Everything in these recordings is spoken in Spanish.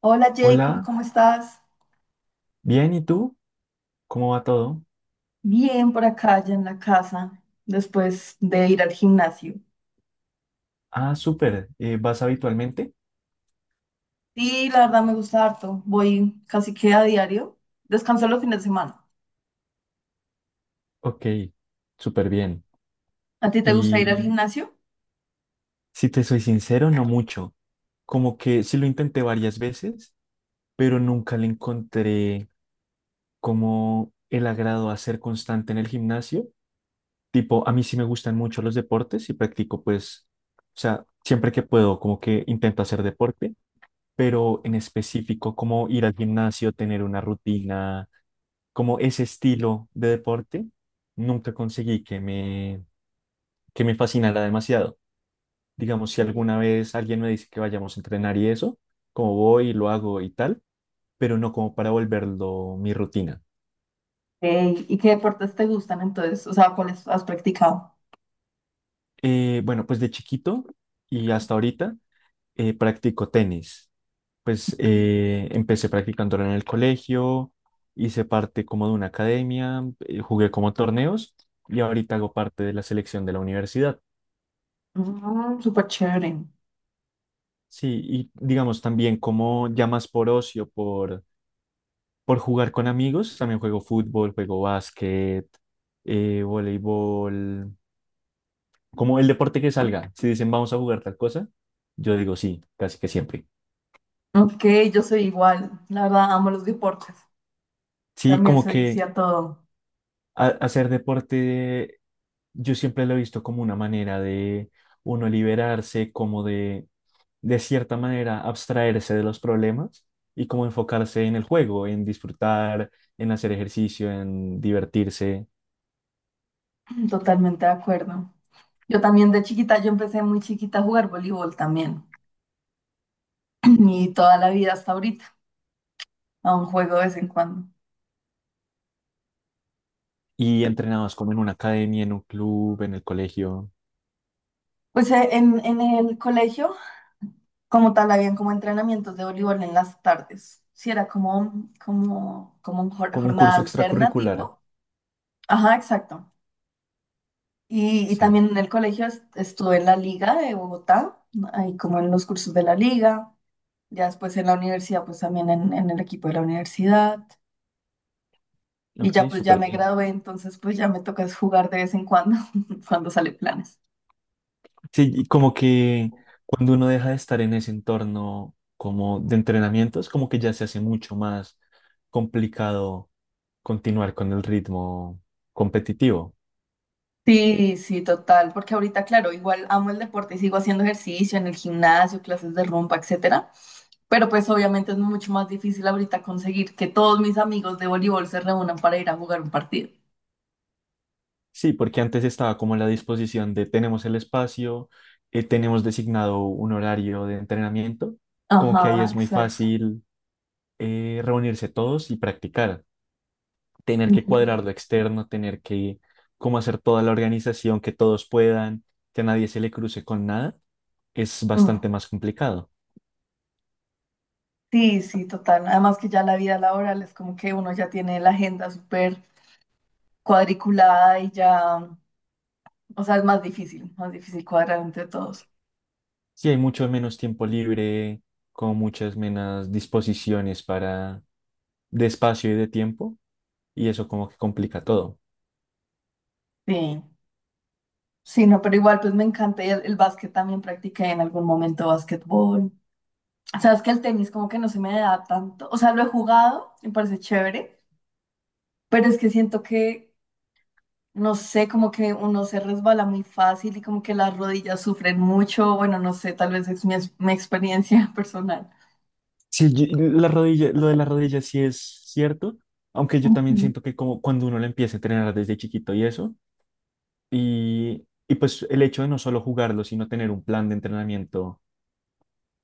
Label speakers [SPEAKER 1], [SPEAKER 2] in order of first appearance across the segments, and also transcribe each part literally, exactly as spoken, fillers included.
[SPEAKER 1] Hola Jacob,
[SPEAKER 2] Hola,
[SPEAKER 1] ¿cómo estás?
[SPEAKER 2] bien, ¿y tú? ¿Cómo va todo?
[SPEAKER 1] Bien por acá, ya en la casa, después de ir al gimnasio.
[SPEAKER 2] Ah, súper. Eh, ¿vas habitualmente?
[SPEAKER 1] Sí, la verdad me gusta harto, voy casi que a diario, descanso los fines de semana.
[SPEAKER 2] Ok, súper bien.
[SPEAKER 1] ¿A ti te gusta ir al
[SPEAKER 2] Y
[SPEAKER 1] gimnasio?
[SPEAKER 2] si te soy sincero, no mucho. Como que sí lo intenté varias veces, pero nunca le encontré como el agrado a ser constante en el gimnasio. Tipo, a mí sí me gustan mucho los deportes y practico pues, o sea, siempre que puedo, como que intento hacer deporte, pero en específico, como ir al gimnasio, tener una rutina como ese estilo de deporte, nunca conseguí que me, que me fascinara demasiado. Digamos, si alguna vez alguien me dice que vayamos a entrenar y eso, como voy y lo hago y tal, pero no como para volverlo mi rutina.
[SPEAKER 1] Ey, ¿y qué deportes te gustan entonces? O sea, ¿cuáles has practicado?
[SPEAKER 2] Eh, bueno, pues de chiquito y hasta ahorita eh, practico tenis. Pues eh, empecé practicándolo en el colegio, hice parte como de una academia, eh, jugué como torneos y ahorita hago parte de la selección de la universidad.
[SPEAKER 1] Mm, súper chévere.
[SPEAKER 2] Sí, y digamos también como ya más por ocio, por, por jugar con amigos, también juego fútbol, juego básquet, eh, voleibol, como el deporte que salga. Si dicen vamos a jugar tal cosa, yo digo sí, casi que siempre.
[SPEAKER 1] Ok, yo soy igual, la verdad amo los deportes.
[SPEAKER 2] Sí,
[SPEAKER 1] También
[SPEAKER 2] como
[SPEAKER 1] soy, sí,
[SPEAKER 2] que
[SPEAKER 1] a todo,
[SPEAKER 2] a- hacer deporte yo siempre lo he visto como una manera de uno liberarse, como de, de cierta manera, abstraerse de los problemas y como enfocarse en el juego, en disfrutar, en hacer ejercicio, en divertirse.
[SPEAKER 1] totalmente de acuerdo. Yo también de chiquita, yo empecé muy chiquita a jugar voleibol también. Y toda la vida hasta ahorita. Aún juego de vez en cuando.
[SPEAKER 2] Y entrenados como en una academia, en un club, en el colegio,
[SPEAKER 1] Pues eh, en, en el colegio, como tal, habían como entrenamientos de voleibol en las tardes. Sí, era como, como, como un jor-
[SPEAKER 2] como un
[SPEAKER 1] jornada
[SPEAKER 2] curso
[SPEAKER 1] alterna
[SPEAKER 2] extracurricular.
[SPEAKER 1] tipo. Ajá, exacto. Y, y
[SPEAKER 2] Sí,
[SPEAKER 1] también en el colegio est- estuve en la liga de Bogotá, ahí como en los cursos de la liga. Ya después en la universidad, pues también en, en el equipo de la universidad. Y ya
[SPEAKER 2] ok,
[SPEAKER 1] pues ya
[SPEAKER 2] súper
[SPEAKER 1] me
[SPEAKER 2] bien.
[SPEAKER 1] gradué, entonces pues ya me toca es jugar de vez en cuando, cuando sale planes.
[SPEAKER 2] Sí, y como que cuando uno deja de estar en ese entorno como de entrenamientos, como que ya se hace mucho más complicado continuar con el ritmo competitivo.
[SPEAKER 1] Sí, sí, total, porque ahorita, claro, igual amo el deporte y sigo haciendo ejercicio en el gimnasio, clases de rumba, etcétera, pero pues obviamente es mucho más difícil ahorita conseguir que todos mis amigos de voleibol se reúnan para ir a jugar un partido.
[SPEAKER 2] Sí, porque antes estaba como la disposición de tenemos el espacio, eh, tenemos designado un horario de entrenamiento, como que ahí
[SPEAKER 1] Ajá,
[SPEAKER 2] es muy
[SPEAKER 1] exacto.
[SPEAKER 2] fácil eh, reunirse todos y practicar, tener que cuadrar
[SPEAKER 1] Ujú.
[SPEAKER 2] lo externo, tener que como hacer toda la organización, que todos puedan, que a nadie se le cruce con nada es bastante
[SPEAKER 1] Mm.
[SPEAKER 2] más complicado.
[SPEAKER 1] Sí, sí, total. Además que ya la vida laboral es como que uno ya tiene la agenda súper cuadriculada y ya, o sea, es más difícil, más difícil cuadrar entre todos.
[SPEAKER 2] Sí, hay mucho menos tiempo libre, con muchas menos disposiciones para de espacio y de tiempo, y eso como que complica todo.
[SPEAKER 1] Sí. Sí, no, pero igual pues me encanta y el, el básquet también practiqué en algún momento básquetbol. Sabes que el tenis como que no se me da tanto, o sea, lo he jugado, me parece chévere, pero es que siento que, no sé, como que uno se resbala muy fácil y como que las rodillas sufren mucho, bueno, no sé, tal vez es mi, ex- mi experiencia personal.
[SPEAKER 2] Sí, yo- la rodilla, lo de la rodilla sí es cierto, aunque yo también
[SPEAKER 1] Ujú.
[SPEAKER 2] siento que como cuando uno lo empieza a entrenar desde chiquito y eso, y, y pues el hecho de no solo jugarlo, sino tener un plan de entrenamiento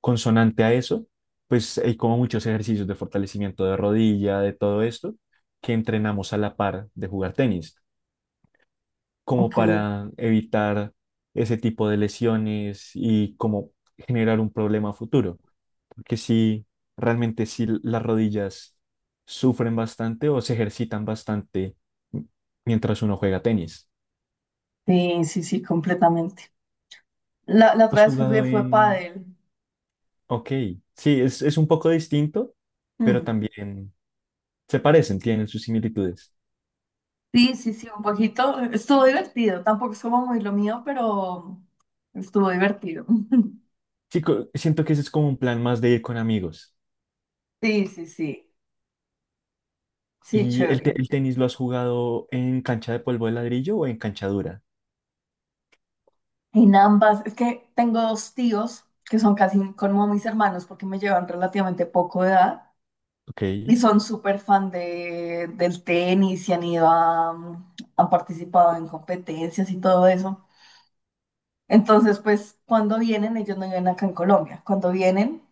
[SPEAKER 2] consonante a eso, pues hay como muchos ejercicios de fortalecimiento de rodilla, de todo esto, que entrenamos a la par de jugar tenis.
[SPEAKER 1] Ok,
[SPEAKER 2] Como para evitar ese tipo de lesiones y como generar un problema a futuro. Porque si realmente si las rodillas sufren bastante o se ejercitan bastante m- mientras uno juega tenis.
[SPEAKER 1] sí, sí, sí, completamente. La, la
[SPEAKER 2] ¿Has
[SPEAKER 1] otra vez
[SPEAKER 2] jugado
[SPEAKER 1] jugué fue
[SPEAKER 2] en...?
[SPEAKER 1] pádel.
[SPEAKER 2] Ok, sí, es, es un poco distinto, pero
[SPEAKER 1] Mm.
[SPEAKER 2] también se parecen, tienen sus similitudes.
[SPEAKER 1] Sí, sí, sí, un poquito. Estuvo divertido. Tampoco es como muy lo mío, pero estuvo divertido.
[SPEAKER 2] Sí, co- siento que ese es como un plan más de ir con amigos.
[SPEAKER 1] Sí, sí, sí. Sí,
[SPEAKER 2] ¿Y el,
[SPEAKER 1] chévere.
[SPEAKER 2] te- el tenis lo has jugado en cancha de polvo de ladrillo o en cancha dura?
[SPEAKER 1] En ambas, es que tengo dos tíos que son casi como mis hermanos porque me llevan relativamente poco de edad
[SPEAKER 2] Ok.
[SPEAKER 1] y son súper fan de, del tenis y han ido a, han participado en competencias y todo eso. Entonces, pues cuando vienen, ellos no viven acá en Colombia. Cuando vienen,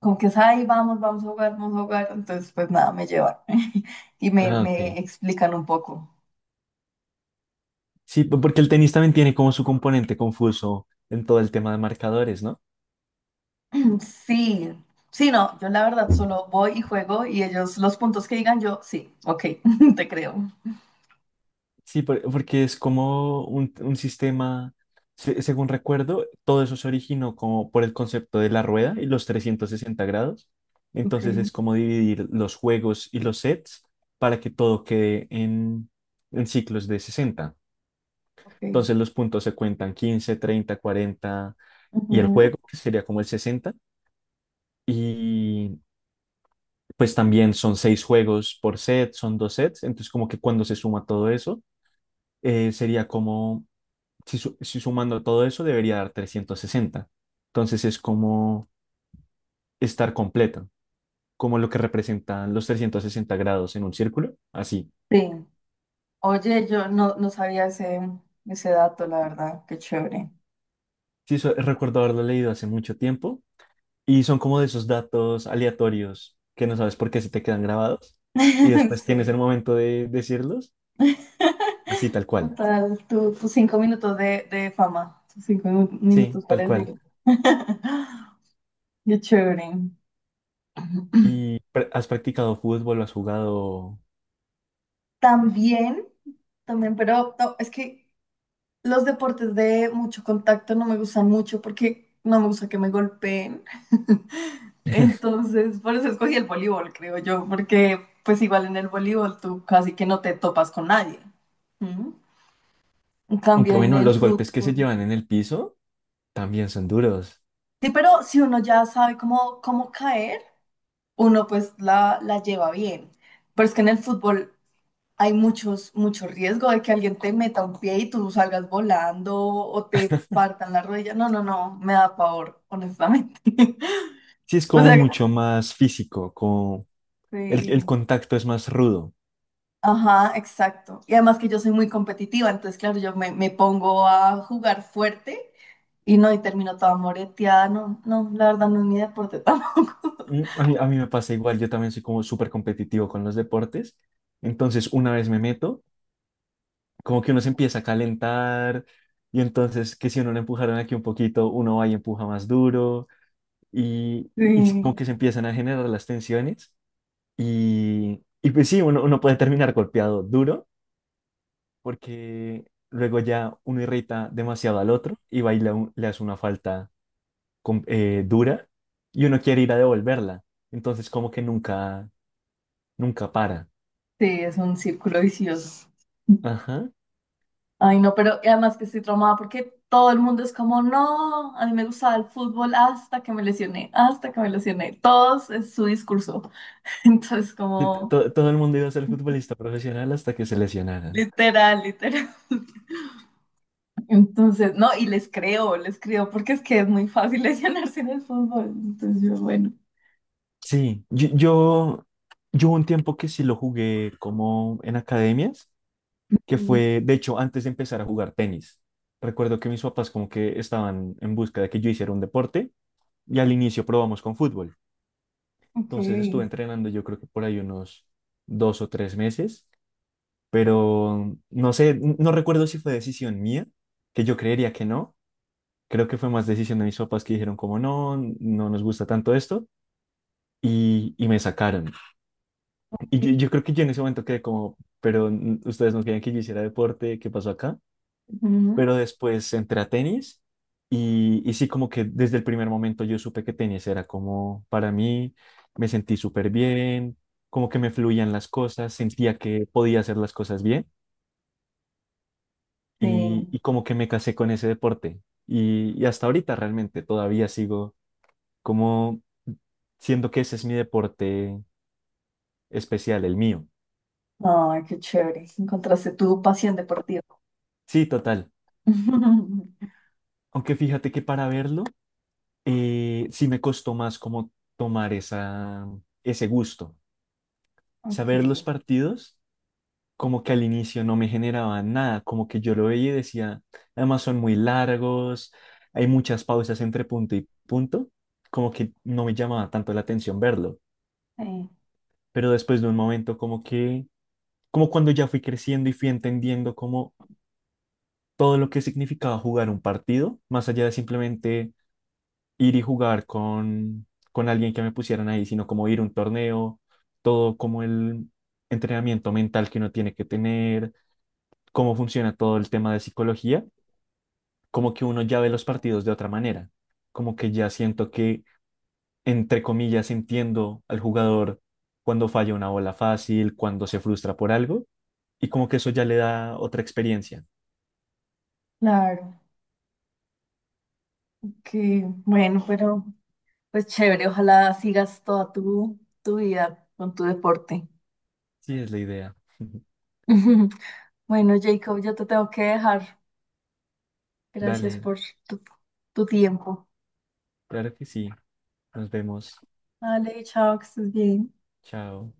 [SPEAKER 1] como que es, ay, vamos, vamos a jugar, vamos a jugar. Entonces, pues nada, me llevan y me,
[SPEAKER 2] Ah,
[SPEAKER 1] me
[SPEAKER 2] ok.
[SPEAKER 1] explican un poco.
[SPEAKER 2] Sí, po- porque el tenis también tiene como su componente confuso en todo el tema de marcadores, ¿no?
[SPEAKER 1] Sí, sí, no, yo la verdad solo voy y juego y ellos los puntos que digan yo, sí, ok, te creo.
[SPEAKER 2] Sí, por- porque es como un, un sistema, se- según recuerdo, todo eso se originó como por el concepto de la rueda y los trescientos sesenta grados.
[SPEAKER 1] Ok,
[SPEAKER 2] Entonces es como dividir los juegos y los sets para que todo quede en, en ciclos de sesenta.
[SPEAKER 1] ok.
[SPEAKER 2] Entonces los puntos se cuentan quince, treinta, cuarenta y el
[SPEAKER 1] Ujú.
[SPEAKER 2] juego, que sería como el sesenta. Pues también son seis juegos por set, son dos sets, entonces como que cuando se suma todo eso, eh, sería como, si, su- si sumando todo eso debería dar trescientos sesenta. Entonces es como estar completo, como lo que representan los trescientos sesenta grados en un círculo, así.
[SPEAKER 1] Sí. Oye, yo no, no sabía ese, ese dato, la verdad, qué chévere.
[SPEAKER 2] Sí, eso- recuerdo haberlo leído hace mucho tiempo y son como de esos datos aleatorios que no sabes por qué se te quedan grabados y después tienes
[SPEAKER 1] Sí.
[SPEAKER 2] el momento de decirlos, así tal cual.
[SPEAKER 1] Total, tu- tus cinco minutos de, de fama, tus cinco minu-
[SPEAKER 2] Sí,
[SPEAKER 1] minutos
[SPEAKER 2] tal
[SPEAKER 1] para
[SPEAKER 2] cual.
[SPEAKER 1] decir. Qué chévere.
[SPEAKER 2] ¿Y pr- has practicado fútbol? ¿Has jugado?
[SPEAKER 1] También, también, pero no, es que los deportes de mucho contacto no me gustan mucho porque no me gusta que me golpeen. Entonces, por eso escogí el voleibol, creo yo, porque pues igual en el voleibol tú casi que no te topas con nadie. ¿Mm? En cambio,
[SPEAKER 2] Aunque
[SPEAKER 1] en
[SPEAKER 2] bueno,
[SPEAKER 1] el
[SPEAKER 2] los golpes que se
[SPEAKER 1] fútbol.
[SPEAKER 2] llevan en el piso también son duros.
[SPEAKER 1] Sí, pero si uno ya sabe cómo, cómo caer, uno pues la, la lleva bien. Pero es que en el fútbol hay muchos, mucho riesgo de que alguien te meta un pie y tú salgas volando o te partan la rodilla. No, no, no, me da pavor, honestamente.
[SPEAKER 2] Sí, es
[SPEAKER 1] O
[SPEAKER 2] como
[SPEAKER 1] sea,
[SPEAKER 2] mucho más físico, como el, el
[SPEAKER 1] sí.
[SPEAKER 2] contacto es más rudo.
[SPEAKER 1] Ajá, exacto. Y además que yo soy muy competitiva, entonces, claro, yo me, me pongo a jugar fuerte y no, y termino toda moreteada. No, no, la verdad no es mi deporte tampoco.
[SPEAKER 2] Mm, A mí, a mí me pasa igual, yo también soy como súper competitivo con los deportes. Entonces, una vez me meto, como que uno se empieza a calentar y entonces que si uno lo empujaron aquí un poquito, uno va y empuja más duro y, y como
[SPEAKER 1] Sí,
[SPEAKER 2] que se empiezan a generar las tensiones. Y, y pues sí, uno, uno puede terminar golpeado duro porque luego ya uno irrita demasiado al otro y va y le, le hace una falta com- eh, dura y uno quiere ir a devolverla. Entonces como que nunca, nunca para.
[SPEAKER 1] sí, es un círculo vicioso.
[SPEAKER 2] Ajá.
[SPEAKER 1] Ay, no, pero y además que estoy traumada porque todo el mundo es como, no, a mí me gustaba el fútbol hasta que me lesioné, hasta que me lesioné. Todos es su discurso. Entonces,
[SPEAKER 2] Y t-
[SPEAKER 1] como,
[SPEAKER 2] to- todo el mundo iba a ser futbolista profesional hasta que se lesionaran.
[SPEAKER 1] literal, literal. Entonces, no, y les creo, les creo, porque es que es muy fácil lesionarse en el fútbol. Entonces, yo, bueno.
[SPEAKER 2] Sí, yo, yo, yo hubo un tiempo que sí lo jugué como en academias que
[SPEAKER 1] Ujú.
[SPEAKER 2] fue, de hecho, antes de empezar a jugar tenis. Recuerdo que mis papás como que estaban en busca de que yo hiciera un deporte y al inicio probamos con fútbol.
[SPEAKER 1] Ok.
[SPEAKER 2] Entonces estuve entrenando yo creo que por ahí unos dos o tres meses, pero no sé, n- no recuerdo si fue decisión mía, que yo creería que no. Creo que fue más decisión de mis papás que dijeron como no, no nos gusta tanto esto y, y me sacaron. Y yo, yo creo que yo en ese momento quedé como, pero mm, ustedes no querían que yo hiciera deporte, ¿qué pasó acá?
[SPEAKER 1] Ujú.
[SPEAKER 2] Pero después entré a tenis y, y sí, como que desde el primer momento yo supe que tenis era como para mí, me sentí súper bien, como que me fluían las cosas, sentía que podía hacer las cosas bien y,
[SPEAKER 1] Sí.
[SPEAKER 2] y como que me casé con ese deporte. Y, y hasta ahorita realmente todavía sigo como siendo que ese es mi deporte especial, el mío.
[SPEAKER 1] Ay, qué chévere. Encontraste tu pasión deportiva.
[SPEAKER 2] Sí, total. Aunque fíjate que para verlo, eh, sí me costó más como tomar esa, ese gusto.
[SPEAKER 1] Ok.
[SPEAKER 2] Saber los partidos, como que al inicio no me generaba nada, como que yo lo veía y decía, además son muy largos, hay muchas pausas entre punto y punto, como que no me llamaba tanto la atención verlo,
[SPEAKER 1] Sí,
[SPEAKER 2] pero después de un momento como que, como cuando ya fui creciendo y fui entendiendo como todo lo que significaba jugar un partido, más allá de simplemente ir y jugar con, con alguien que me pusieran ahí, sino como ir a un torneo, todo como el entrenamiento mental que uno tiene que tener cómo funciona todo el tema de psicología, como que uno ya ve los partidos de otra manera, como que ya siento que, entre comillas, entiendo al jugador cuando falla una bola fácil, cuando se frustra por algo, y como que eso ya le da otra experiencia.
[SPEAKER 1] claro. Ok, bueno, pero. Pues chévere, ojalá sigas toda tu, tu vida con tu deporte.
[SPEAKER 2] Sí, es la idea.
[SPEAKER 1] Bueno, Jacob, yo te tengo que dejar. Gracias
[SPEAKER 2] Dale,
[SPEAKER 1] por tu, tu tiempo.
[SPEAKER 2] claro que sí. Nos vemos.
[SPEAKER 1] Vale, chao, que estés bien.
[SPEAKER 2] Chao.